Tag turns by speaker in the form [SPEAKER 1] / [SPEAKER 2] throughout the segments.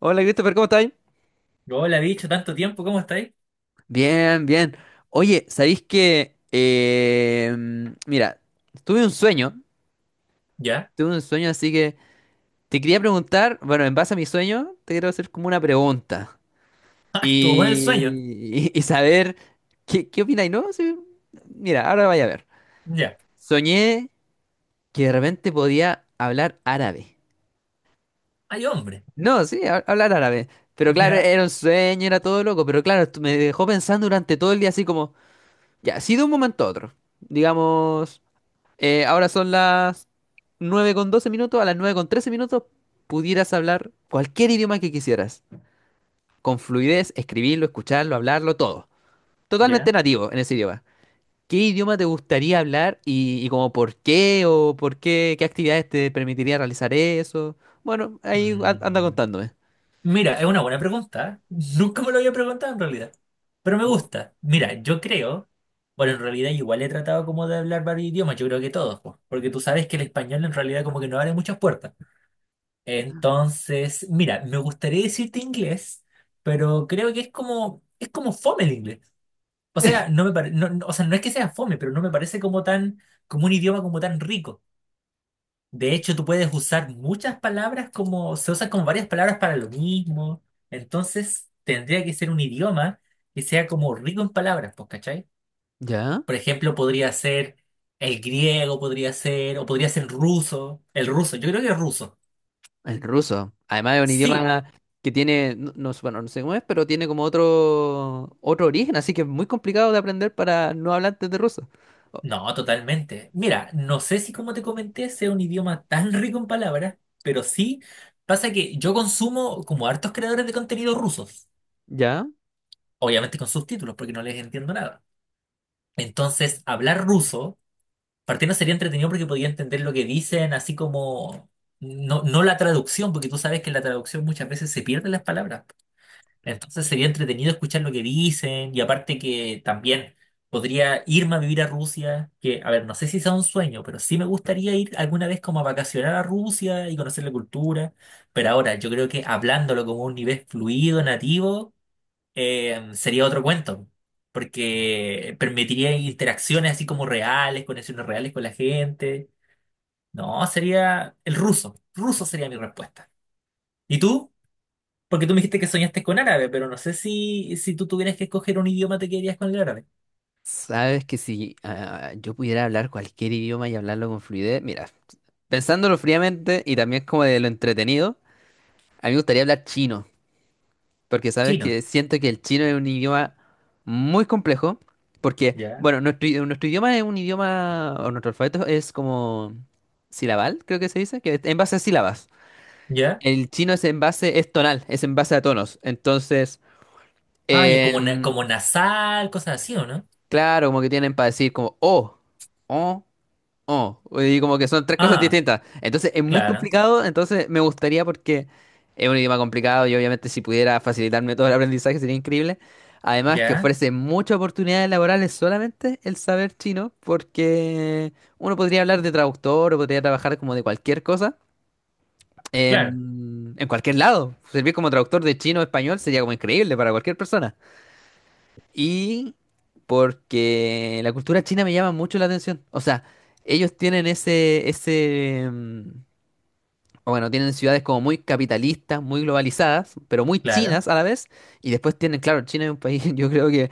[SPEAKER 1] Hola Christopher, ¿cómo estáis?
[SPEAKER 2] Hola, bicho, tanto tiempo, ¿cómo estáis?
[SPEAKER 1] Bien, bien. Oye, ¿sabéis que... mira, tuve un sueño,
[SPEAKER 2] Ya.
[SPEAKER 1] tuve un sueño, así que te quería preguntar, bueno, en base a mi sueño, te quiero hacer como una pregunta
[SPEAKER 2] Ah, estuvo bueno el sueño.
[SPEAKER 1] y saber qué opináis, ¿no? Sí, mira, ahora vaya a ver.
[SPEAKER 2] Ya.
[SPEAKER 1] Soñé que de repente podía hablar árabe.
[SPEAKER 2] Ay, hombre.
[SPEAKER 1] No, sí, hablar árabe. Pero claro,
[SPEAKER 2] Ya.
[SPEAKER 1] era un sueño, era todo loco, pero claro, esto me dejó pensando durante todo el día así como... Ya, sí de un momento a otro. Digamos, ahora son las 9:12 minutos, a las 9:13 minutos pudieras hablar cualquier idioma que quisieras. Con fluidez, escribirlo, escucharlo, hablarlo, todo. Totalmente
[SPEAKER 2] Ya.
[SPEAKER 1] nativo en ese idioma. ¿Qué idioma te gustaría hablar y como por qué o por qué, qué actividades te permitiría realizar eso? Bueno, ahí anda
[SPEAKER 2] Mm,
[SPEAKER 1] contándome.
[SPEAKER 2] Mira, es una buena pregunta. Nunca me lo había preguntado en realidad. Pero me gusta. Mira, yo creo. Bueno, en realidad igual he tratado como de hablar varios idiomas, yo creo que todos, po, porque tú sabes que el español en realidad como que no abre muchas puertas. Entonces, mira, me gustaría decirte inglés, pero creo que es como fome el inglés. O sea, o sea, no es que sea fome, pero no me parece como tan, como un idioma como tan rico. De hecho, tú puedes usar muchas palabras como, se usan como varias palabras para lo mismo. Entonces, tendría que ser un idioma que sea como rico en palabras, pues, ¿cachai?
[SPEAKER 1] ¿Ya?
[SPEAKER 2] Por ejemplo, podría ser el griego, podría ser, o podría ser ruso. El ruso, yo creo que es ruso.
[SPEAKER 1] El ruso. Además es un
[SPEAKER 2] Sí,
[SPEAKER 1] idioma que tiene, bueno, no sé cómo es, pero tiene como otro, otro origen, así que es muy complicado de aprender para no hablantes de ruso.
[SPEAKER 2] no, totalmente. Mira, no sé si como te comenté sea un idioma tan rico en palabras, pero sí pasa que yo consumo como hartos creadores de contenido rusos,
[SPEAKER 1] ¿Ya?
[SPEAKER 2] obviamente con subtítulos porque no les entiendo nada. Entonces, hablar ruso, partiendo sería entretenido porque podía entender lo que dicen, así como no, no la traducción, porque tú sabes que en la traducción muchas veces se pierden las palabras. Entonces sería entretenido escuchar lo que dicen y aparte que también podría irme a vivir a Rusia, que, a ver, no sé si sea un sueño, pero sí me gustaría ir alguna vez como a vacacionar a Rusia y conocer la cultura, pero ahora yo creo que hablándolo como un nivel fluido, nativo, sería otro cuento, porque permitiría interacciones así como reales, conexiones reales con la gente. No, sería el ruso, ruso sería mi respuesta. ¿Y tú? Porque tú me dijiste que soñaste con árabe, pero no sé si, si tú tuvieras que escoger un idioma, te quedarías con el árabe.
[SPEAKER 1] Sabes que si yo pudiera hablar cualquier idioma y hablarlo con fluidez, mira, pensándolo fríamente y también como de lo entretenido, a mí me gustaría hablar chino. Porque sabes
[SPEAKER 2] Chino.
[SPEAKER 1] que siento que el chino es un idioma muy complejo. Porque,
[SPEAKER 2] Ya.
[SPEAKER 1] bueno, nuestro idioma es un idioma, o nuestro alfabeto es como silabal, creo que se dice, que es en base a sílabas.
[SPEAKER 2] Ya.
[SPEAKER 1] El chino es en base, es tonal, es en base a tonos. Entonces,
[SPEAKER 2] Ah, ya como,
[SPEAKER 1] en-
[SPEAKER 2] como nasal, cosas así, ¿o no?
[SPEAKER 1] claro, como que tienen para decir como o. Oh, y como que son tres cosas
[SPEAKER 2] Ah,
[SPEAKER 1] distintas. Entonces es muy
[SPEAKER 2] claro.
[SPEAKER 1] complicado, entonces me gustaría porque es un idioma complicado y obviamente si pudiera facilitarme todo el aprendizaje sería increíble. Además que
[SPEAKER 2] Ya.
[SPEAKER 1] ofrece muchas oportunidades laborales solamente el saber chino, porque uno podría hablar de traductor o podría trabajar como de cualquier cosa
[SPEAKER 2] Claro.
[SPEAKER 1] en cualquier lado. Servir como traductor de chino a español sería como increíble para cualquier persona. Y porque la cultura china me llama mucho la atención. O sea, ellos tienen ese, o bueno, tienen ciudades como muy capitalistas, muy globalizadas, pero muy
[SPEAKER 2] Claro.
[SPEAKER 1] chinas a la vez. Y después tienen, claro, China es un país, yo creo que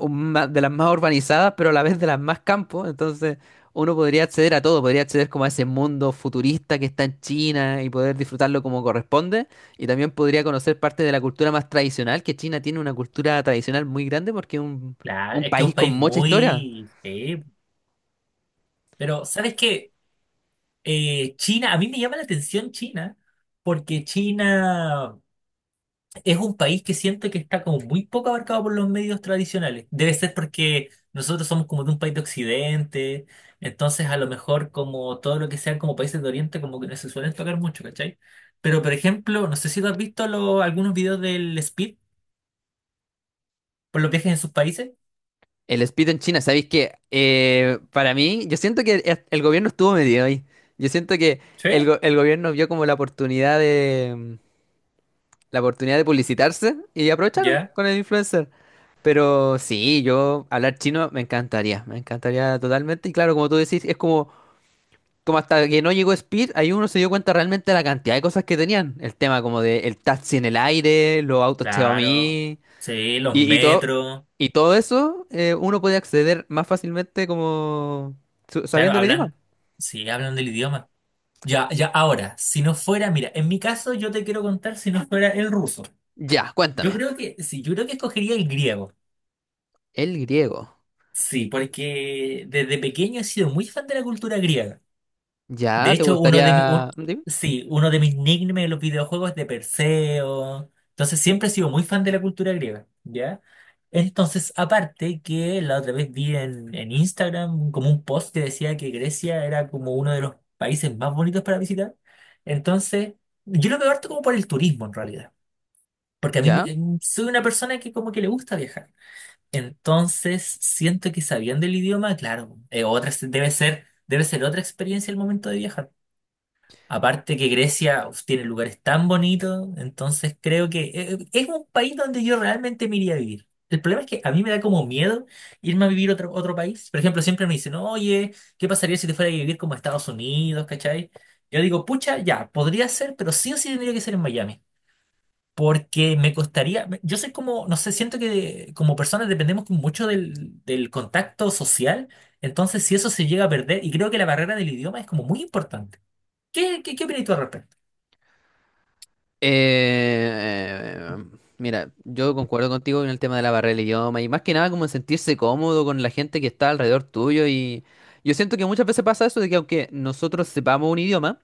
[SPEAKER 1] de las más urbanizadas, pero a la vez de las más campos. Entonces, uno podría acceder a todo, podría acceder como a ese mundo futurista que está en China y poder disfrutarlo como corresponde. Y también podría conocer parte de la cultura más tradicional, que China tiene una cultura tradicional muy grande porque es
[SPEAKER 2] Claro.
[SPEAKER 1] un
[SPEAKER 2] Es que es
[SPEAKER 1] país
[SPEAKER 2] un
[SPEAKER 1] con
[SPEAKER 2] país
[SPEAKER 1] mucha historia.
[SPEAKER 2] muy... sí. Pero, ¿sabes qué? China, a mí me llama la atención China, porque China... Es un país que siento que está como muy poco abarcado por los medios tradicionales. Debe ser porque nosotros somos como de un país de Occidente, entonces a lo mejor como todo lo que sean como países de Oriente como que no se suelen tocar mucho, ¿cachai? Pero por ejemplo, no sé si tú has visto algunos videos del Speed por los viajes en sus países.
[SPEAKER 1] El speed en China, ¿sabéis que para mí, yo siento que el gobierno estuvo medio ahí. Yo siento que
[SPEAKER 2] Sí,
[SPEAKER 1] el gobierno vio como la oportunidad de publicitarse y aprovecharon
[SPEAKER 2] ya.
[SPEAKER 1] con el influencer. Pero sí, yo hablar chino me encantaría totalmente. Y claro, como tú decís, es como, como hasta que no llegó Speed, ahí uno se dio cuenta realmente de la cantidad de cosas que tenían. El tema como de el taxi en el aire, los autos
[SPEAKER 2] Claro.
[SPEAKER 1] Xiaomi.
[SPEAKER 2] Sí, los
[SPEAKER 1] Y, y todo,
[SPEAKER 2] metros.
[SPEAKER 1] y todo eso uno puede acceder más fácilmente como
[SPEAKER 2] Claro,
[SPEAKER 1] sabiendo el idioma.
[SPEAKER 2] hablan. Sí, hablan del idioma. Ya, ya, ahora, si no fuera, mira, en mi caso yo te quiero contar si no fuera el ruso.
[SPEAKER 1] Ya,
[SPEAKER 2] Yo
[SPEAKER 1] cuéntame.
[SPEAKER 2] creo que, sí, yo creo que escogería el griego.
[SPEAKER 1] El griego.
[SPEAKER 2] Sí, porque desde pequeño he sido muy fan de la cultura griega. De
[SPEAKER 1] Ya, ¿te
[SPEAKER 2] hecho,
[SPEAKER 1] gustaría? Dime.
[SPEAKER 2] sí, uno de mis nicknames en los videojuegos es de Perseo. Entonces siempre he sido muy fan de la cultura griega, ¿ya? Entonces, aparte que la otra vez vi en Instagram como un post que decía que Grecia era como uno de los países más bonitos para visitar. Entonces, yo lo veo harto como por el turismo en realidad. Porque a mí me-
[SPEAKER 1] Ya.
[SPEAKER 2] Soy una persona que como que le gusta viajar. Entonces, siento que sabiendo el idioma, claro, otra, debe ser otra experiencia el momento de viajar. Aparte que Grecia uf, tiene lugares tan bonitos, entonces creo que es un país donde yo realmente me iría a vivir. El problema es que a mí me da como miedo irme a vivir a otro país. Por ejemplo, siempre me dicen, oye, ¿qué pasaría si te fuera a vivir como a Estados Unidos, ¿cachai? Yo digo, pucha, ya, podría ser, pero sí o sí tendría que ser en Miami. Porque me costaría, yo soy como, no sé, siento que como personas dependemos como mucho del contacto social, entonces si eso se llega a perder, y creo que la barrera del idioma es como muy importante. ¿ qué opinas tú al respecto?
[SPEAKER 1] Eh, mira, yo concuerdo contigo en el tema de la barrera del idioma y más que nada como en sentirse cómodo con la gente que está alrededor tuyo y yo siento que muchas veces pasa eso de que aunque nosotros sepamos un idioma,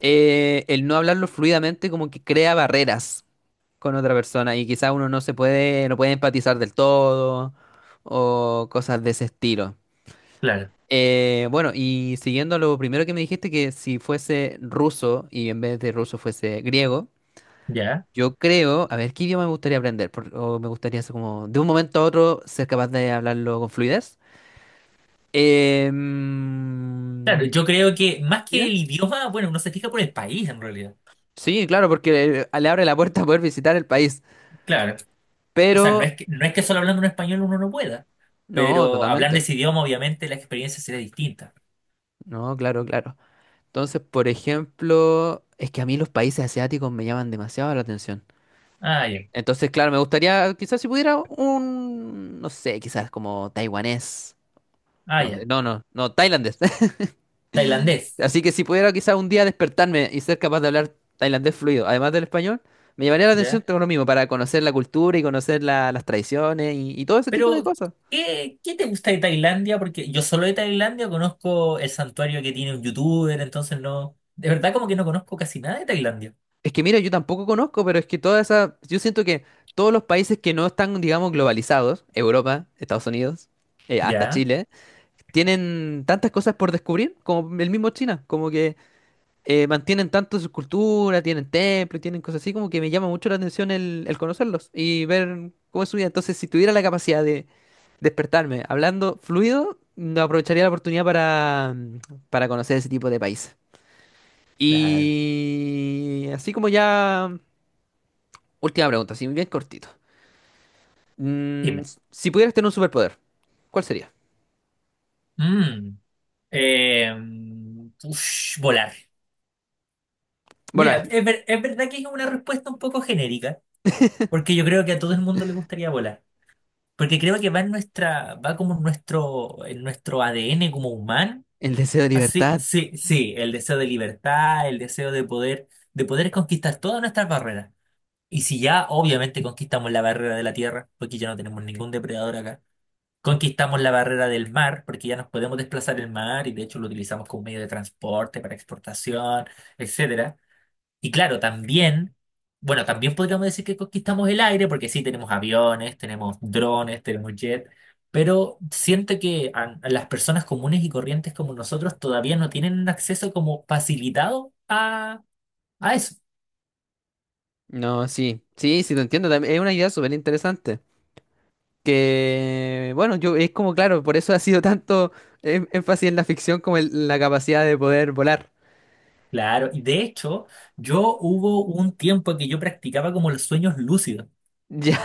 [SPEAKER 1] el no hablarlo fluidamente como que crea barreras con otra persona y quizá uno no se puede, no puede empatizar del todo o cosas de ese estilo.
[SPEAKER 2] Claro,
[SPEAKER 1] Bueno, y siguiendo lo primero que me dijiste, que si fuese ruso y en vez de ruso fuese griego,
[SPEAKER 2] ya.
[SPEAKER 1] yo creo, a ver, ¿qué idioma me gustaría aprender? O me gustaría ser como, de un momento a otro, ser capaz de hablarlo con fluidez. Eh,
[SPEAKER 2] Claro,
[SPEAKER 1] mm,
[SPEAKER 2] yo creo que más que
[SPEAKER 1] dime.
[SPEAKER 2] el idioma, bueno, uno se fija por el país en realidad.
[SPEAKER 1] Sí, claro, porque le abre la puerta a poder visitar el país,
[SPEAKER 2] Claro. O sea,
[SPEAKER 1] pero
[SPEAKER 2] no es que solo hablando un español uno no pueda,
[SPEAKER 1] no,
[SPEAKER 2] pero hablando
[SPEAKER 1] totalmente.
[SPEAKER 2] ese idioma, obviamente la experiencia será distinta.
[SPEAKER 1] No, claro, claro. Entonces, por ejemplo, es que a mí los países asiáticos me llaman demasiado la atención.
[SPEAKER 2] Ah, ya.
[SPEAKER 1] Entonces, claro, me gustaría, quizás si pudiera un, no sé, quizás como taiwanés.
[SPEAKER 2] Ah,
[SPEAKER 1] No,
[SPEAKER 2] ya.
[SPEAKER 1] no, no, no, tailandés.
[SPEAKER 2] Tailandés.
[SPEAKER 1] Así que si pudiera quizás un día despertarme y ser capaz de hablar tailandés fluido, además del español, me llamaría la atención
[SPEAKER 2] Ya.
[SPEAKER 1] todo lo mismo, para conocer la cultura y conocer las tradiciones y todo ese tipo de
[SPEAKER 2] Pero,
[SPEAKER 1] cosas.
[SPEAKER 2] ¿qué te gusta de Tailandia? Porque yo solo de Tailandia conozco el santuario que tiene un youtuber, entonces no. De verdad, como que no conozco casi nada de Tailandia.
[SPEAKER 1] Es que mira, yo tampoco conozco, pero es que toda esa, yo siento que todos los países que no están, digamos, globalizados, Europa, Estados Unidos, hasta
[SPEAKER 2] Ya,
[SPEAKER 1] Chile, tienen tantas cosas por descubrir, como el mismo China, como que mantienen tanto su cultura, tienen templos, tienen cosas así, como que me llama mucho la atención el conocerlos y ver cómo es su vida. Entonces, si tuviera la capacidad de despertarme hablando fluido, no aprovecharía la oportunidad para conocer ese tipo de países.
[SPEAKER 2] claro.
[SPEAKER 1] Y así como ya... Última pregunta, sí, bien cortito.
[SPEAKER 2] Dime.
[SPEAKER 1] Si pudieras tener un superpoder, ¿cuál sería?
[SPEAKER 2] Mm, eh, ush, volar. Mira,
[SPEAKER 1] Volar.
[SPEAKER 2] es verdad que es una respuesta un poco genérica, porque yo creo que a todo el mundo le gustaría volar. Porque creo que va en va como en en nuestro ADN como humano.
[SPEAKER 1] El deseo de
[SPEAKER 2] Así,
[SPEAKER 1] libertad.
[SPEAKER 2] sí, sí, sí, el deseo de libertad, el deseo de poder conquistar todas nuestras barreras. Y si ya, obviamente, conquistamos la barrera de la tierra, porque ya no tenemos ningún depredador acá. Conquistamos la barrera del mar, porque ya nos podemos desplazar el mar y de hecho lo utilizamos como medio de transporte para exportación, etcétera. Y claro, también, bueno, también podríamos decir que conquistamos el aire, porque sí, tenemos aviones, tenemos drones, tenemos jet, pero siento que a las personas comunes y corrientes como nosotros todavía no tienen un acceso como facilitado a eso.
[SPEAKER 1] No, sí, sí, sí, te entiendo. Es una idea súper interesante. Que, bueno, yo es como, claro, por eso ha sido tanto énfasis en la ficción como en la capacidad de poder volar.
[SPEAKER 2] Claro, y de hecho, yo hubo un tiempo que yo practicaba como los sueños lúcidos.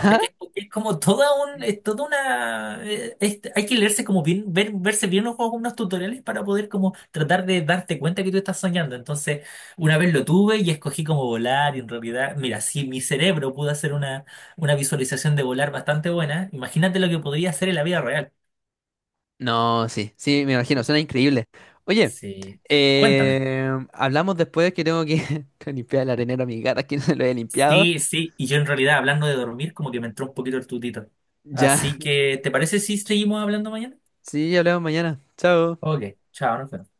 [SPEAKER 2] Ya que es como es toda una, hay que leerse como bien, verse bien los unos tutoriales para poder como tratar de darte cuenta que tú estás soñando. Entonces, una vez lo tuve y escogí como volar y en realidad, mira, si mi cerebro pudo hacer una visualización de volar bastante buena, imagínate lo que podría hacer en la vida real.
[SPEAKER 1] No, sí, sí, me imagino, suena increíble. Oye,
[SPEAKER 2] Sí, cuéntame.
[SPEAKER 1] hablamos después que tengo que limpiar el arenero a mi gata, que no se lo he limpiado.
[SPEAKER 2] Sí, sí, y yo en realidad hablando de dormir como que me entró un poquito el tutito.
[SPEAKER 1] Ya,
[SPEAKER 2] Así que, ¿te parece si seguimos hablando mañana?
[SPEAKER 1] sí, hablamos mañana. Chao.
[SPEAKER 2] Ok, chao, nos vemos.